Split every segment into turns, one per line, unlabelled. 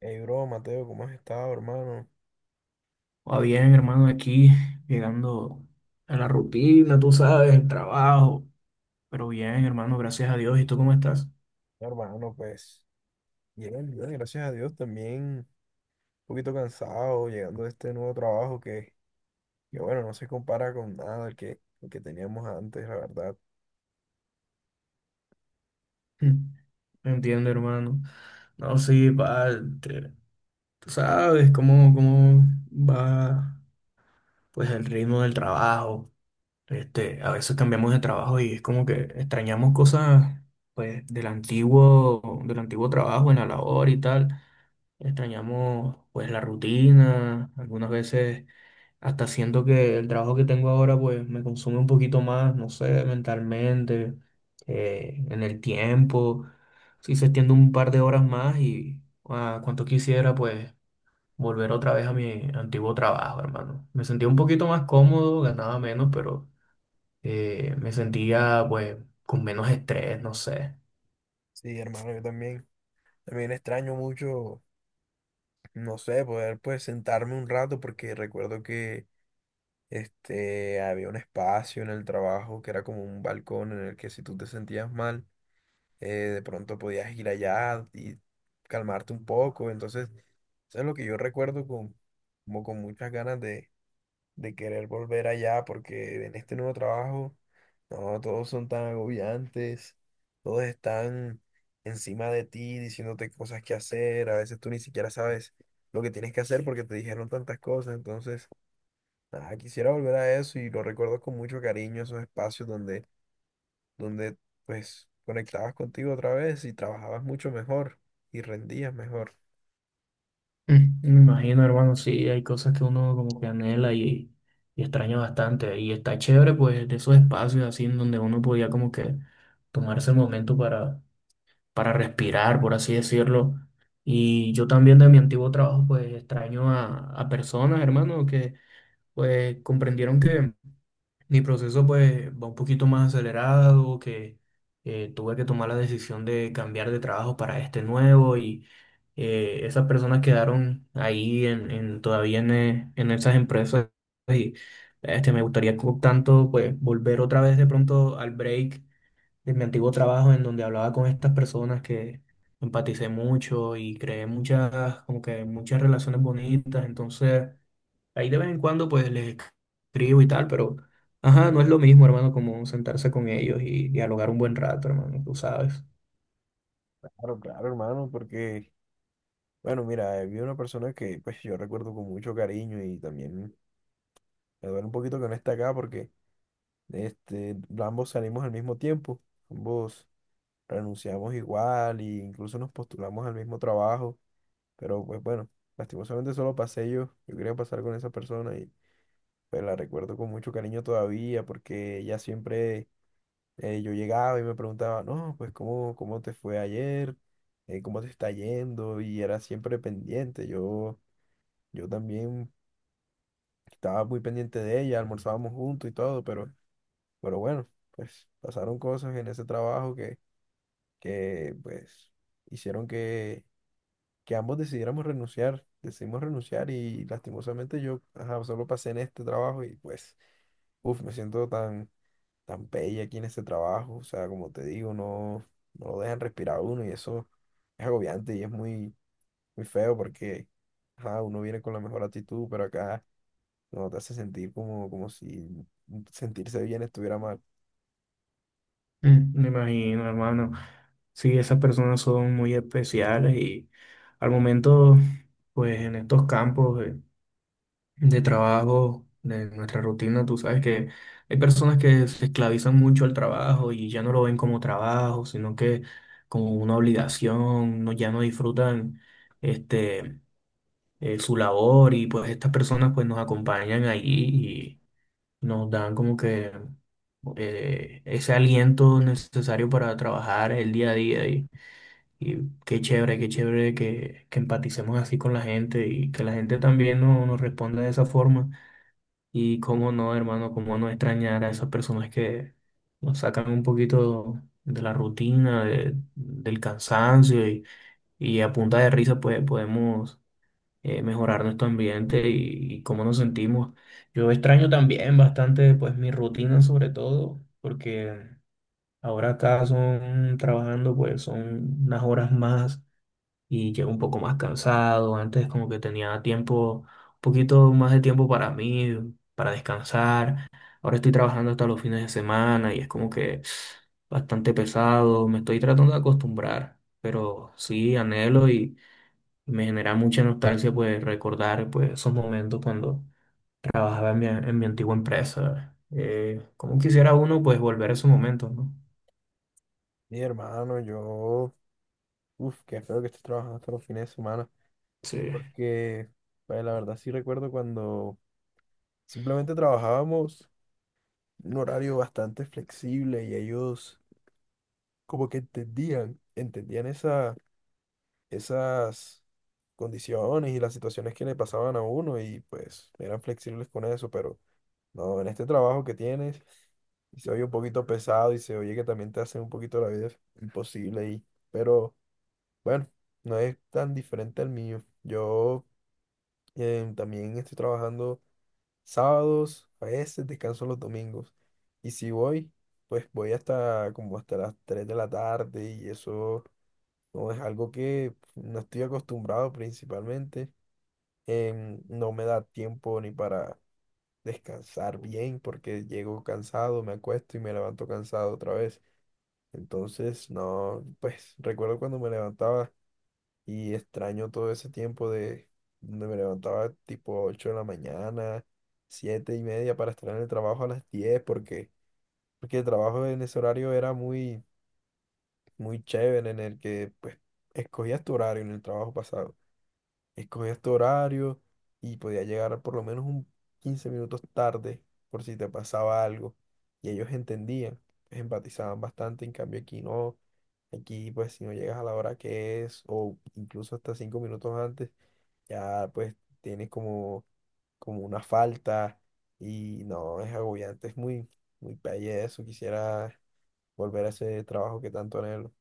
Hey, bro, Mateo, ¿cómo has estado, hermano?
Va bien, hermano, aquí llegando a la rutina, tú sabes, el trabajo. Pero bien, hermano, gracias a Dios. ¿Y tú cómo estás?
No, hermano, pues, bien, gracias a Dios, también un poquito cansado llegando de este nuevo trabajo que bueno, no se compara con nada el el que teníamos antes, la verdad.
Me entiendo, hermano. No, sí, pa, te- tú sabes cómo va pues el ritmo del trabajo. A veces cambiamos de trabajo y es como que extrañamos cosas pues del antiguo trabajo en la labor y tal. Extrañamos pues la rutina, algunas veces hasta siento que el trabajo que tengo ahora pues me consume un poquito más, no sé, mentalmente, en el tiempo, si se extiende un par de horas más y cuanto quisiera pues volver otra vez a mi antiguo trabajo, hermano. Me sentía un poquito más cómodo, ganaba menos, pero me sentía pues con menos estrés, no sé.
Sí, hermano, yo también, también extraño mucho, no sé, poder pues sentarme un rato porque recuerdo que había un espacio en el trabajo que era como un balcón en el que si tú te sentías mal, de pronto podías ir allá y calmarte un poco. Entonces, eso es lo que yo recuerdo como con muchas ganas de querer volver allá, porque en este nuevo trabajo, no, todos son tan agobiantes, todos están encima de ti diciéndote cosas que hacer, a veces tú ni siquiera sabes lo que tienes que hacer porque te dijeron tantas cosas, entonces, nada, quisiera volver a eso y lo recuerdo con mucho cariño, esos espacios donde pues conectabas contigo otra vez y trabajabas mucho mejor y rendías mejor.
Mm, me imagino, hermano, sí, hay cosas que uno como que y extraña bastante. Y está chévere, pues, de esos espacios así en donde uno podía como que tomarse el momento para respirar, por así decirlo. Y yo también de mi antiguo trabajo, pues, extraño a personas, hermano, que pues comprendieron que mi proceso pues va un poquito más acelerado, que tuve que tomar la decisión de cambiar de trabajo para este nuevo y esas personas quedaron ahí todavía en esas empresas y me gustaría tanto pues volver otra vez de pronto al break de mi antiguo trabajo en donde hablaba con estas personas que empaticé mucho y creé muchas, como que muchas relaciones bonitas, entonces... Ahí de vez en cuando pues les escribo y tal, pero ajá, no es lo mismo, hermano, como sentarse con ellos y dialogar un buen rato, hermano, tú sabes.
Claro, claro, hermano, porque, bueno, mira, vi una persona que pues yo recuerdo con mucho cariño y también me duele un poquito que no esté acá porque ambos salimos al mismo tiempo, ambos renunciamos igual e incluso nos postulamos al mismo trabajo, pero pues bueno, lastimosamente solo pasé yo, yo quería pasar con esa persona y pues la recuerdo con mucho cariño todavía porque ella siempre yo llegaba y me preguntaba, no, pues cómo te fue ayer, cómo te está yendo, y era siempre pendiente. Yo también estaba muy pendiente de ella, almorzábamos juntos y todo, pero bueno, pues pasaron cosas en ese trabajo que pues hicieron que ambos decidiéramos renunciar, decidimos renunciar y lastimosamente yo, ajá, solo pasé en este trabajo y pues, uff, me siento tan pelle aquí en ese trabajo, o sea, como te digo, no, no lo dejan respirar a uno y eso es agobiante y es muy, muy feo porque ajá, uno viene con la mejor actitud, pero acá no te hace sentir como si sentirse bien estuviera mal.
Mm, me imagino, hermano. Sí, esas personas son muy especiales y al momento, pues en estos campos de trabajo, de nuestra rutina, tú sabes que hay personas que se esclavizan mucho al trabajo y ya no lo ven como trabajo, sino que como una obligación, no, ya no disfrutan este, su labor y pues estas personas pues nos acompañan allí y nos dan como que ese aliento necesario para trabajar el día a y qué chévere que empaticemos así con la gente y que la gente también nos responda de esa forma y cómo no, hermano, cómo no extrañar a esas personas que nos sacan un poquito de la rutina, del cansancio y a punta de risa pues podemos mejorar nuestro ambiente y cómo nos sentimos. Yo extraño también bastante pues mi rutina sobre todo, porque ahora acá son trabajando pues son unas horas más y llego un poco más cansado. Antes como que tenía tiempo, un poquito más de tiempo para mí, para descansar. Ahora estoy trabajando hasta los fines de semana y es como que bastante pesado. Me estoy tratando de acostumbrar, pero sí anhelo y me genera mucha nostalgia pues recordar pues esos momentos cuando trabajaba en mi antigua empresa. Cómo quisiera uno pues volver a esos momentos, ¿no?
Mi hermano, yo, uff, qué feo que estés trabajando hasta los fines de semana,
Sí.
porque pues, la verdad sí recuerdo cuando simplemente trabajábamos un horario bastante flexible y ellos como que entendían esas condiciones y las situaciones que le pasaban a uno y pues eran flexibles con eso, pero no, en este trabajo que tienes y se oye un poquito pesado y se oye que también te hacen un poquito la vida imposible pero bueno, no es tan diferente al mío. Yo también estoy trabajando sábados, a veces descanso los domingos y si voy, pues voy hasta como hasta las 3 de la tarde y eso no es algo que no estoy acostumbrado principalmente. No me da tiempo ni para descansar bien porque llego cansado, me acuesto y me levanto cansado otra vez. Entonces, no, pues recuerdo cuando me levantaba y extraño todo ese tiempo de donde me levantaba tipo 8 de la mañana, 7:30 para estar en el trabajo a las 10 porque el trabajo en ese horario era muy, muy chévere en el que pues escogías tu horario en el trabajo pasado. Escogías tu horario y podías llegar por lo menos un 15 minutos tarde por si te pasaba algo. Y ellos entendían, pues, empatizaban bastante, en cambio aquí no, aquí pues si no llegas a la hora que es o incluso hasta 5 minutos antes, ya pues tienes como una falta y no, es agobiante, es muy, muy pelle eso, quisiera volver a ese trabajo que tanto anhelo.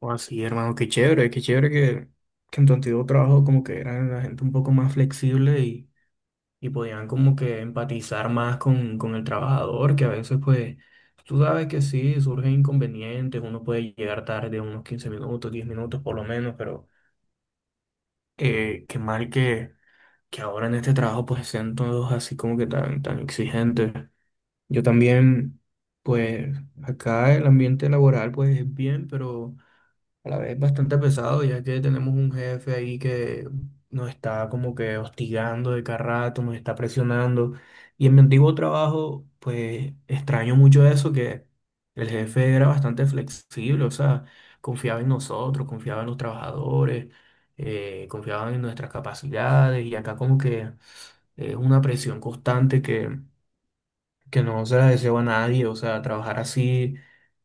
O así, hermano, qué chévere que en tu antiguo trabajo como que eran la gente un poco más flexible y podían como que empatizar más con el trabajador, que a veces pues tú sabes que sí, surgen inconvenientes, uno puede llegar tarde unos 15 minutos, 10 minutos por lo menos, pero qué mal que ahora en este trabajo pues sean todos así como que tan, tan exigentes. Yo también, pues acá el ambiente laboral pues es bien, pero a la vez es bastante pesado, ya que tenemos un jefe ahí que nos está como que hostigando de cada rato, nos está presionando. Y en mi antiguo trabajo, pues extraño mucho eso, que el jefe era bastante flexible, o sea, confiaba en nosotros, confiaba en los trabajadores, confiaba en nuestras capacidades. Y acá como que es una presión constante que no se la deseo a nadie, o sea, trabajar así,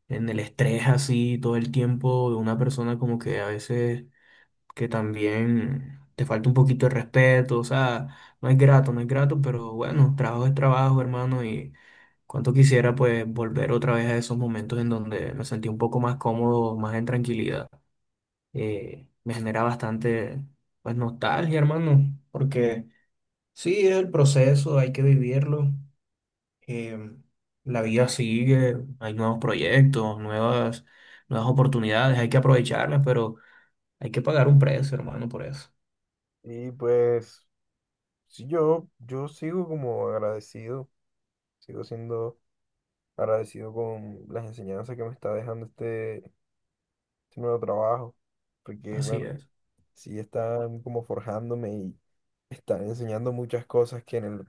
en el estrés así todo el tiempo de una persona como que a veces que también te falta un poquito de respeto, o sea, no es grato, no es grato, pero bueno, trabajo es trabajo, hermano, y cuánto quisiera pues volver otra vez a esos momentos en donde me sentí un poco más cómodo, más en tranquilidad. Me genera bastante pues nostalgia, hermano, porque sí, es el proceso, hay que vivirlo eh, la vida sigue, hay nuevos proyectos, nuevas oportunidades, hay que aprovecharlas, pero hay que pagar un precio, hermano, por eso.
Y pues sí, yo sigo como agradecido, sigo siendo agradecido con las enseñanzas que me está dejando este nuevo trabajo, porque
Así
bueno,
es.
sí están como forjándome y están enseñando muchas cosas que en el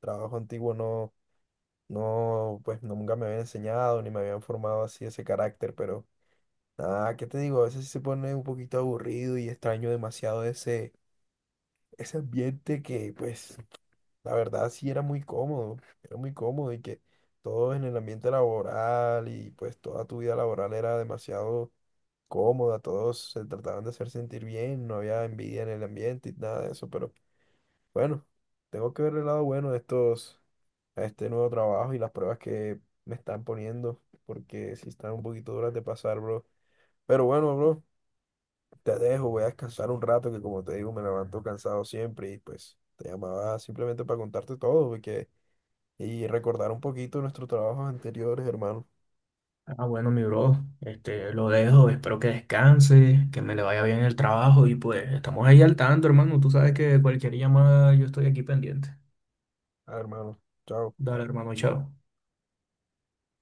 trabajo antiguo no, pues nunca me habían enseñado ni me habían formado así ese carácter, pero nada, ¿qué te digo? A veces sí se pone un poquito aburrido y extraño demasiado ese ambiente que pues la verdad sí era muy cómodo y que todo en el ambiente laboral y pues toda tu vida laboral era demasiado cómoda, todos se trataban de hacer sentir bien, no había envidia en el ambiente y nada de eso, pero bueno, tengo que ver el lado bueno de estos, a este nuevo trabajo y las pruebas que me están poniendo, porque sí están un poquito duras de pasar, bro. Pero bueno, bro, te dejo, voy a descansar un rato que como te digo me levanto cansado siempre y pues te llamaba simplemente para contarte todo, porque y recordar un poquito nuestros trabajos anteriores, hermano.
Ah, bueno, mi bro, este, lo dejo, espero que descanse, que me le vaya bien el trabajo y pues estamos ahí al tanto, hermano. Tú sabes que cualquier llamada yo estoy aquí pendiente.
Ah, hermano, chao.
Dale, hermano, chao.